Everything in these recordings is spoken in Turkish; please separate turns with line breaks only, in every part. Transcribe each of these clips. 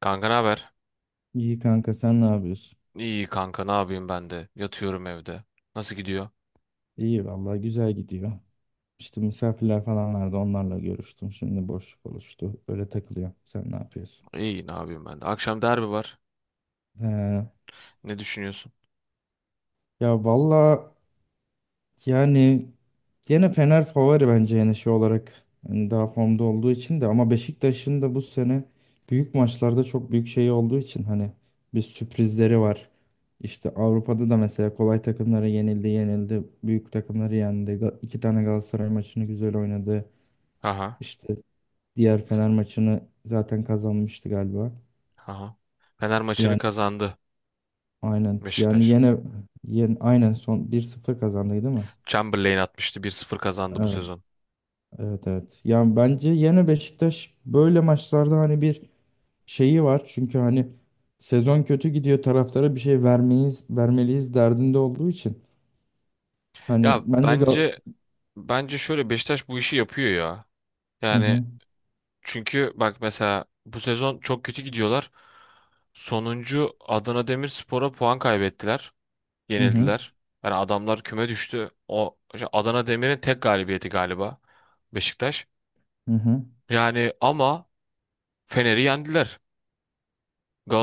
Kanka ne haber?
İyi kanka, sen ne yapıyorsun?
İyi kanka ne yapayım ben de. Yatıyorum evde. Nasıl gidiyor?
İyi vallahi, güzel gidiyor. İşte misafirler falan vardı, onlarla görüştüm. Şimdi boşluk oluştu. Öyle takılıyor. Sen ne yapıyorsun?
İyi ne yapayım ben de. Akşam derbi var.
He,
Ne düşünüyorsun?
ya vallahi, yani gene Fener favori bence, yani şey olarak. Hani daha formda olduğu için de, ama Beşiktaş'ın da bu sene büyük maçlarda çok büyük şey olduğu için hani bir sürprizleri var. İşte Avrupa'da da mesela kolay takımlara yenildi, yenildi. Büyük takımları yendi. İki tane Galatasaray maçını güzel oynadı.
Aha.
İşte diğer Fener maçını zaten kazanmıştı galiba.
Aha. Fener maçını
Yani
kazandı
aynen. Yani
Beşiktaş.
yine, yine aynen son 1-0 kazandıydı, değil mi?
Chamberlain atmıştı 1-0 kazandı bu
Evet.
sezon.
Evet, evet. Yani bence yine Beşiktaş böyle maçlarda hani bir şeyi var. Çünkü hani sezon kötü gidiyor, taraftara bir şey vermeyiz vermeliyiz derdinde olduğu için. Hani
Ya
bence Gal
bence şöyle Beşiktaş bu işi yapıyor ya.
Hı
Yani
hı,
çünkü bak mesela bu sezon çok kötü gidiyorlar. Sonuncu Adana Demirspor'a puan kaybettiler.
hı hı,
Yenildiler. Yani adamlar küme düştü. O işte Adana Demir'in tek galibiyeti galiba Beşiktaş.
hı hı.
Yani ama Fener'i yendiler.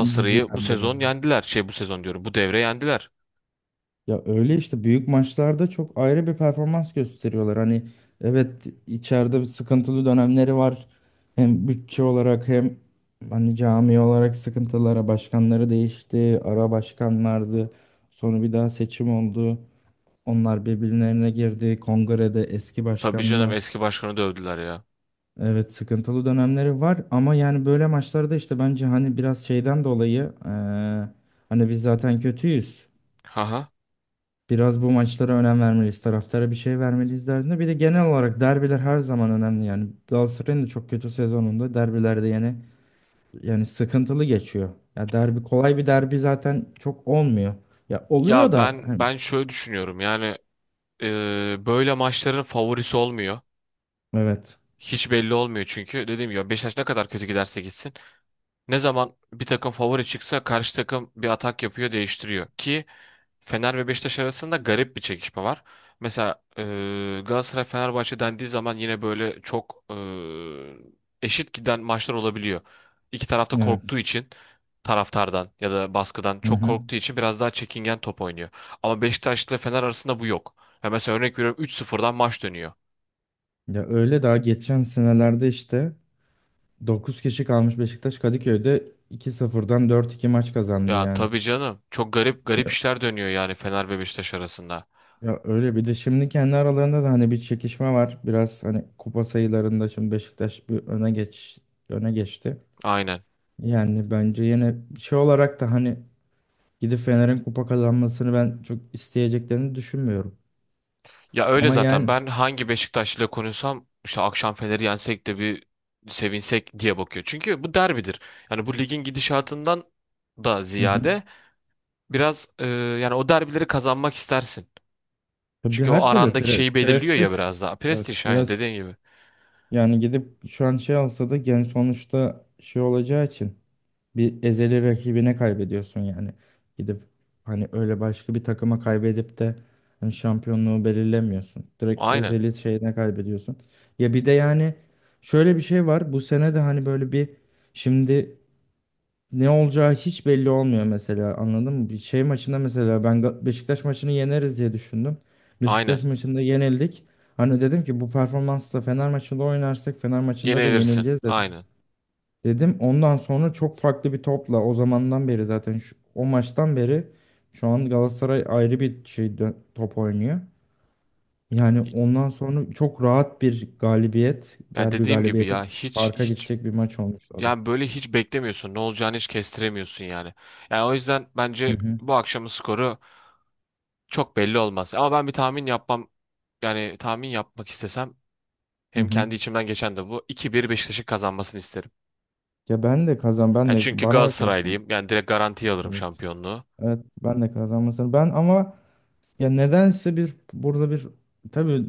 Bizi
bu
yendi de.
sezon yendiler. Şey bu sezon diyorum. Bu devre yendiler.
Ya öyle işte büyük maçlarda çok ayrı bir performans gösteriyorlar. Hani evet, içeride bir sıkıntılı dönemleri var. Hem bütçe olarak, hem hani cami olarak sıkıntılara başkanları değişti. Ara başkanlardı. Sonra bir daha seçim oldu. Onlar birbirlerine girdi. Kongrede eski
Tabii canım
başkanla
eski başkanı dövdüler ya.
evet sıkıntılı dönemleri var. Ama yani böyle maçlarda işte bence hani biraz şeyden dolayı hani biz zaten kötüyüz.
Haha.
Biraz bu maçlara önem vermeliyiz. Taraftara bir şey vermeliyiz derdinde. Bir de genel olarak derbiler her zaman önemli yani. Galatasaray'ın da çok kötü sezonunda derbilerde yani sıkıntılı geçiyor. Ya derbi, kolay bir derbi zaten çok olmuyor. Ya oluyor
Ya
da
ben
hani
ben şöyle düşünüyorum. Yani böyle maçların favorisi olmuyor.
evet.
Hiç belli olmuyor çünkü dediğim gibi Beşiktaş ne kadar kötü giderse gitsin. Ne zaman bir takım favori çıksa karşı takım bir atak yapıyor değiştiriyor ki Fener ve Beşiktaş arasında garip bir çekişme var. Mesela Galatasaray Fenerbahçe dendiği zaman yine böyle çok eşit giden maçlar olabiliyor. İki tarafta
Evet.
korktuğu için taraftardan ya da baskıdan
Hı
çok
hı.
korktuğu için biraz daha çekingen top oynuyor. Ama Beşiktaş ile Fener arasında bu yok. Ya mesela örnek veriyorum 3-0'dan maç dönüyor.
Ya öyle daha geçen senelerde işte 9 kişi kalmış Beşiktaş Kadıköy'de 2-0'dan 4-2 maç kazandı
Ya
yani.
tabii canım çok garip garip işler dönüyor yani Fener ve Beşiktaş arasında.
Ya öyle bir de şimdi kendi aralarında da hani bir çekişme var. Biraz hani kupa sayılarında şimdi Beşiktaş bir öne geçti.
Aynen.
Yani bence yine şey olarak da hani gidip Fener'in kupa kazanmasını ben çok isteyeceklerini düşünmüyorum.
Ya öyle
Ama
zaten
yani
ben hangi Beşiktaşlı'yla konuşsam işte akşam Fener'i yensek de bir sevinsek diye bakıyor. Çünkü bu derbidir. Yani bu ligin gidişatından da
hı hı.
ziyade biraz yani o derbileri kazanmak istersin.
Tabii
Çünkü o
her türlü
arandaki şeyi belirliyor ya
prestis
biraz daha.
evet,
Prestij aynen
biraz
dediğin gibi.
yani gidip şu an şey alsa da gen sonuçta şey olacağı için bir ezeli rakibine kaybediyorsun yani. Gidip hani öyle başka bir takıma kaybedip de hani şampiyonluğu belirlemiyorsun. Direkt
Aynen.
ezeli şeyine kaybediyorsun. Ya bir de yani şöyle bir şey var. Bu sene de hani böyle bir şimdi ne olacağı hiç belli olmuyor mesela, anladın mı? Bir şey maçında mesela ben Beşiktaş maçını yeneriz diye düşündüm. Beşiktaş
Aynen.
maçında yenildik. Hani dedim ki bu performansla Fener maçında oynarsak Fener maçında da
Yenilirsin.
yenileceğiz dedim.
Aynen.
Dedim ondan sonra çok farklı bir topla o zamandan beri zaten o maçtan beri şu an Galatasaray ayrı bir şey top oynuyor. Yani ondan sonra çok rahat bir galibiyet,
Ya
derbi
dediğim gibi
galibiyeti
ya hiç
farka
hiç
gidecek bir maç olmuştu o da.
yani böyle hiç beklemiyorsun. Ne olacağını hiç kestiremiyorsun yani. Yani o yüzden
Hı
bence
hı,
bu akşamın skoru çok belli olmaz. Ama ben bir tahmin yapmam yani tahmin yapmak istesem
hı.
hem
Hı.
kendi içimden geçen de bu 2-1 Beşiktaş'ın kazanmasını isterim.
Ya ben de ben
Yani
de
çünkü
bana bakarsın.
Galatasaraylıyım. Yani direkt garantiye alırım
Evet.
şampiyonluğu.
Evet, ben de kazanmasını ben, ama ya nedense bir burada bir, tabii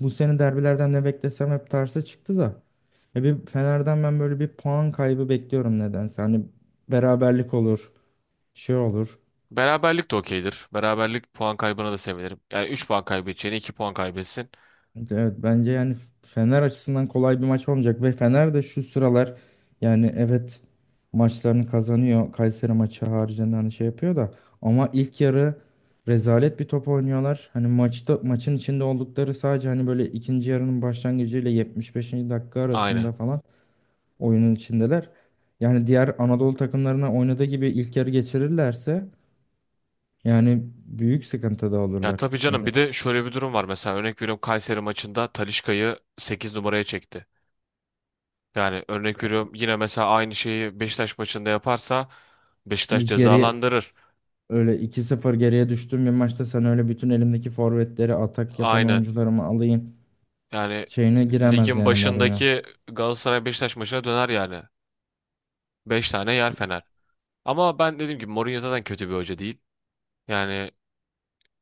bu sene derbilerden ne beklesem hep tersi çıktı da. Ya bir Fener'den ben böyle bir puan kaybı bekliyorum nedense. Hani beraberlik olur, şey olur.
Beraberlik de okeydir. Beraberlik puan kaybına da sevinirim. Yani 3 puan kaybedeceğine 2 puan kaybetsin.
Evet bence yani Fener açısından kolay bir maç olmayacak ve Fener de şu sıralar, yani evet, maçlarını kazanıyor. Kayseri maçı haricinde hani şey yapıyor da, ama ilk yarı rezalet bir top oynuyorlar. Hani maçta maçın içinde oldukları sadece hani böyle ikinci yarının başlangıcıyla 75. dakika
Aynen.
arasında falan oyunun içindeler. Yani diğer Anadolu takımlarına oynadığı gibi ilk yarı geçirirlerse, yani büyük sıkıntıda
Ya
olurlar.
tabii canım
Yani
bir de şöyle bir durum var. Mesela örnek veriyorum Kayseri maçında Talisca'yı 8 numaraya çekti. Yani örnek veriyorum yine mesela aynı şeyi Beşiktaş maçında yaparsa Beşiktaş
bir geri,
cezalandırır.
öyle iki 0 geriye düştüğüm bir maçta sen öyle bütün elimdeki forvetleri atak yapan
Aynen.
oyuncularımı alayım
Yani
şeyine giremez
ligin
yani Mourinho.
başındaki Galatasaray Beşiktaş maçına döner yani. Beş tane yer Fener. Ama ben dediğim gibi Mourinho zaten kötü bir hoca değil. Yani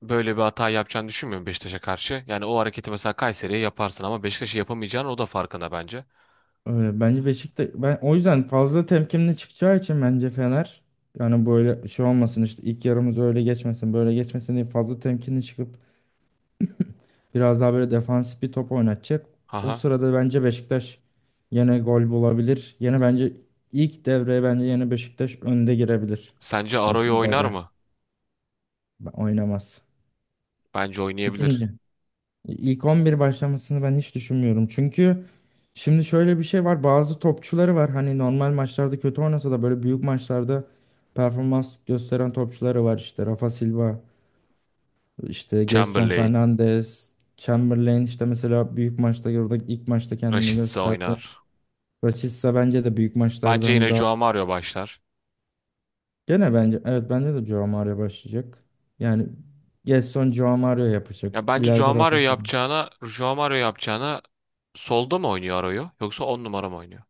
böyle bir hata yapacağını düşünmüyorum Beşiktaş'a karşı. Yani o hareketi mesela Kayseri'ye yaparsın ama Beşiktaş'a yapamayacağını o da farkında bence.
Öyle, bence Beşiktaş, ben o yüzden fazla temkinli çıkacağı için bence Fener, yani böyle şey olmasın işte ilk yarımız öyle geçmesin böyle geçmesin diye fazla temkinli çıkıp biraz daha böyle defansif bir top oynatacak. O
Haha.
sırada bence Beşiktaş yine gol bulabilir. Yine bence ilk devreye bence yine Beşiktaş önde girebilir.
Sence
Yani
Aro'yu
İkinci
oynar
devre
mı?
oynamaz.
Bence oynayabilir.
İkinci. İlk 11 başlamasını ben hiç düşünmüyorum. Çünkü şimdi şöyle bir şey var. Bazı topçuları var. Hani normal maçlarda kötü oynasa da böyle büyük maçlarda performans gösteren topçuları var. İşte Rafa Silva, işte Gedson
Chamberlain,
Fernandes, Chamberlain işte mesela büyük maçta orada ilk maçta kendini
Rashica
gösterdi.
oynar.
Rashica bence de büyük maçlarda
Bence
hani
yine
daha
Joao Mario başlar.
gene bence, evet bence de Joao Mario başlayacak. Yani Gerson Joao Mario yapacak.
Ya bence Joao
İleride
Mario
Rafa Silva
yapacağına, Joao Mario yapacağına solda mı oynuyor Aro'yu yoksa 10 numara mı oynuyor?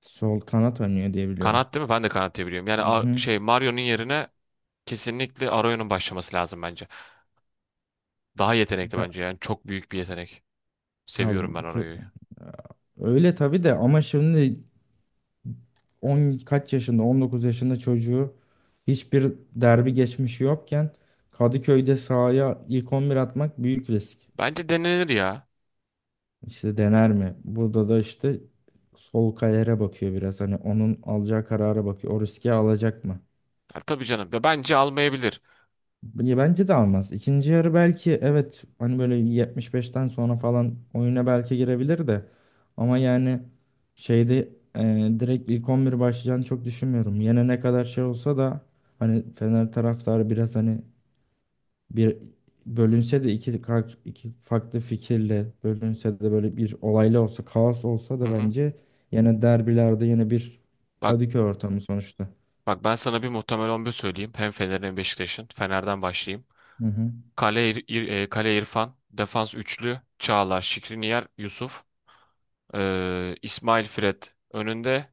sol kanat oynuyor diye biliyorum.
Kanat değil mi? Ben de kanat diye biliyorum. Yani
Hı hı.
Şey Mario'nun yerine kesinlikle Arroyo'nun başlaması lazım bence. Daha yetenekli
Ya,
bence yani çok büyük bir yetenek.
ya bu
Seviyorum ben Arroyo'yu.
öyle tabii de, ama şimdi 10 kaç yaşında, 19 yaşında çocuğu hiçbir derbi geçmişi yokken Kadıköy'de sahaya ilk 11 atmak büyük risk.
Bence denenir ya.
İşte dener mi? Burada da işte sol kayere bakıyor biraz. Hani onun alacağı karara bakıyor. O riski alacak mı?
Ya tabii canım. Ya bence almayabilir.
Ya bence de almaz. İkinci yarı belki evet, hani böyle 75'ten sonra falan oyuna belki girebilir de, ama yani şeyde direkt ilk 11 başlayacağını çok düşünmüyorum. Yine ne kadar şey olsa da hani Fener taraftarı biraz hani bir bölünse de, iki farklı fikirle bölünse de, böyle bir olaylı olsa, kaos olsa
Hı
da
hı.
bence yine derbilerde yine bir
Bak
Kadıköy ortamı sonuçta.
bak ben sana bir muhtemel 11 söyleyeyim. Hem Fener'in hem Beşiktaş'ın. Fener'den başlayayım.
Hı hı,
Kale, Kale İrfan, defans üçlü, Çağlar, Şikriniyar, Yusuf, İsmail Fred önünde.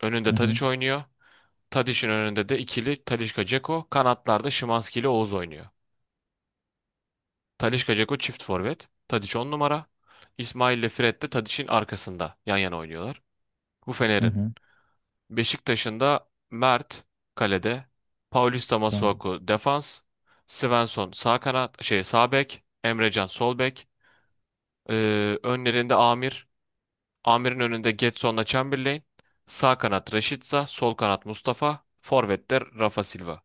Önünde
hı hı,
Tadiç oynuyor. Tadic'in önünde de ikili Talisca Dzeko. Kanatlarda Szymański ile Oğuz oynuyor. Talisca Dzeko çift forvet. Tadic 10 numara. İsmail ile Fred de Tadic'in arkasında yan yana oynuyorlar. Bu
hı.
Fener'in.
Hı.
Beşiktaş'ın da Mert kalede. Paulista
Tamam.
Masuaku defans. Svensson sağ kanat şey sağ bek. Emrecan sol bek. Önlerinde Amir. Amir'in önünde Getson'la Chamberlain. Sağ kanat Rashica, sol kanat Mustafa, forvetler Rafa Silva.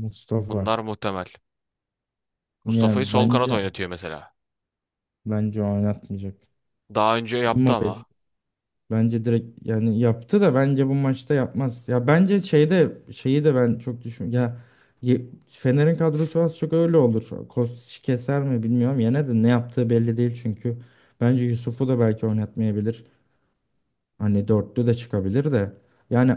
Mustafa.
Bunlar muhtemel.
Ya
Mustafa'yı sol kanat
bence
oynatıyor mesela.
bence oynatmayacak.
Daha önce yaptı
Immobile
ama.
bence direkt, yani yaptı da bence bu maçta yapmaz. Ya bence şeyde şeyi de ben çok düşün. Ya Fener'in kadrosu az çok öyle olur. Kostić keser mi bilmiyorum. Yine de ne yaptığı belli değil çünkü. Bence Yusuf'u da belki oynatmayabilir. Hani dörtlü de çıkabilir de. Yani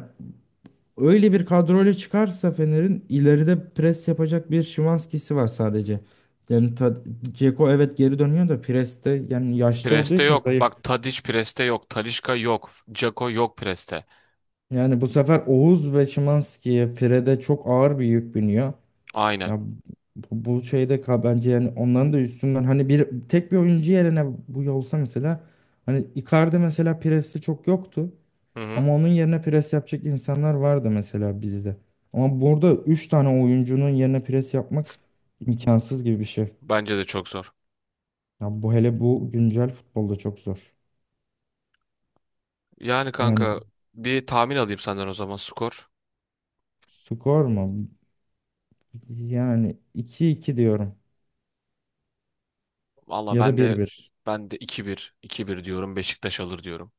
öyle bir kadroyla çıkarsa Fener'in ileride pres yapacak bir Şimanski'si var sadece. Yani ta, Dzeko evet geri dönüyor da preste, yani yaşlı olduğu
Preste
için
yok.
zayıf.
Bak Tadiç preste yok. Talisca yok. Dzeko yok preste.
Yani bu sefer Oğuz ve Şimanski'ye, Fred'e çok ağır bir yük biniyor.
Aynen.
Ya bu şeyde bence yani onların da üstünden hani bir tek bir oyuncu yerine bu olsa mesela, hani Icardi mesela presti çok yoktu.
Hı hı.
Ama onun yerine pres yapacak insanlar vardı mesela bizde. Ama burada 3 tane oyuncunun yerine pres yapmak imkansız gibi bir şey.
Bence de çok zor.
Ya bu, hele bu güncel futbolda çok zor.
Yani
Yani
kanka bir tahmin alayım senden o zaman skor.
skor mu? Yani 2-2 diyorum,
Valla
ya da
ben
bir
de
bir.
ben de 2-1 2-1 diyorum. Beşiktaş alır diyorum.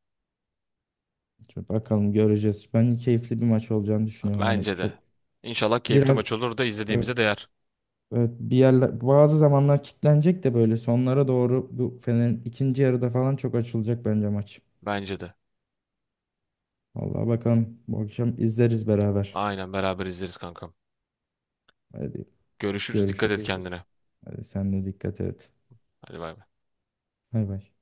Çok bakalım, göreceğiz. Ben keyifli bir maç olacağını düşünüyorum. Hani
Bence
çok
de. İnşallah keyifli
biraz,
maç olur da
evet,
izlediğimize değer.
evet, bir yerler bazı zamanlar kilitlenecek de böyle sonlara doğru bu Fener'in ikinci yarıda falan çok açılacak bence maç.
Bence de.
Vallahi bakalım, bu akşam izleriz beraber.
Aynen beraber izleriz kankam.
Hadi
Görüşürüz. Dikkat et
görüşürüz.
kendine.
Hadi sen de dikkat et.
Hadi bay bay.
Bay bay.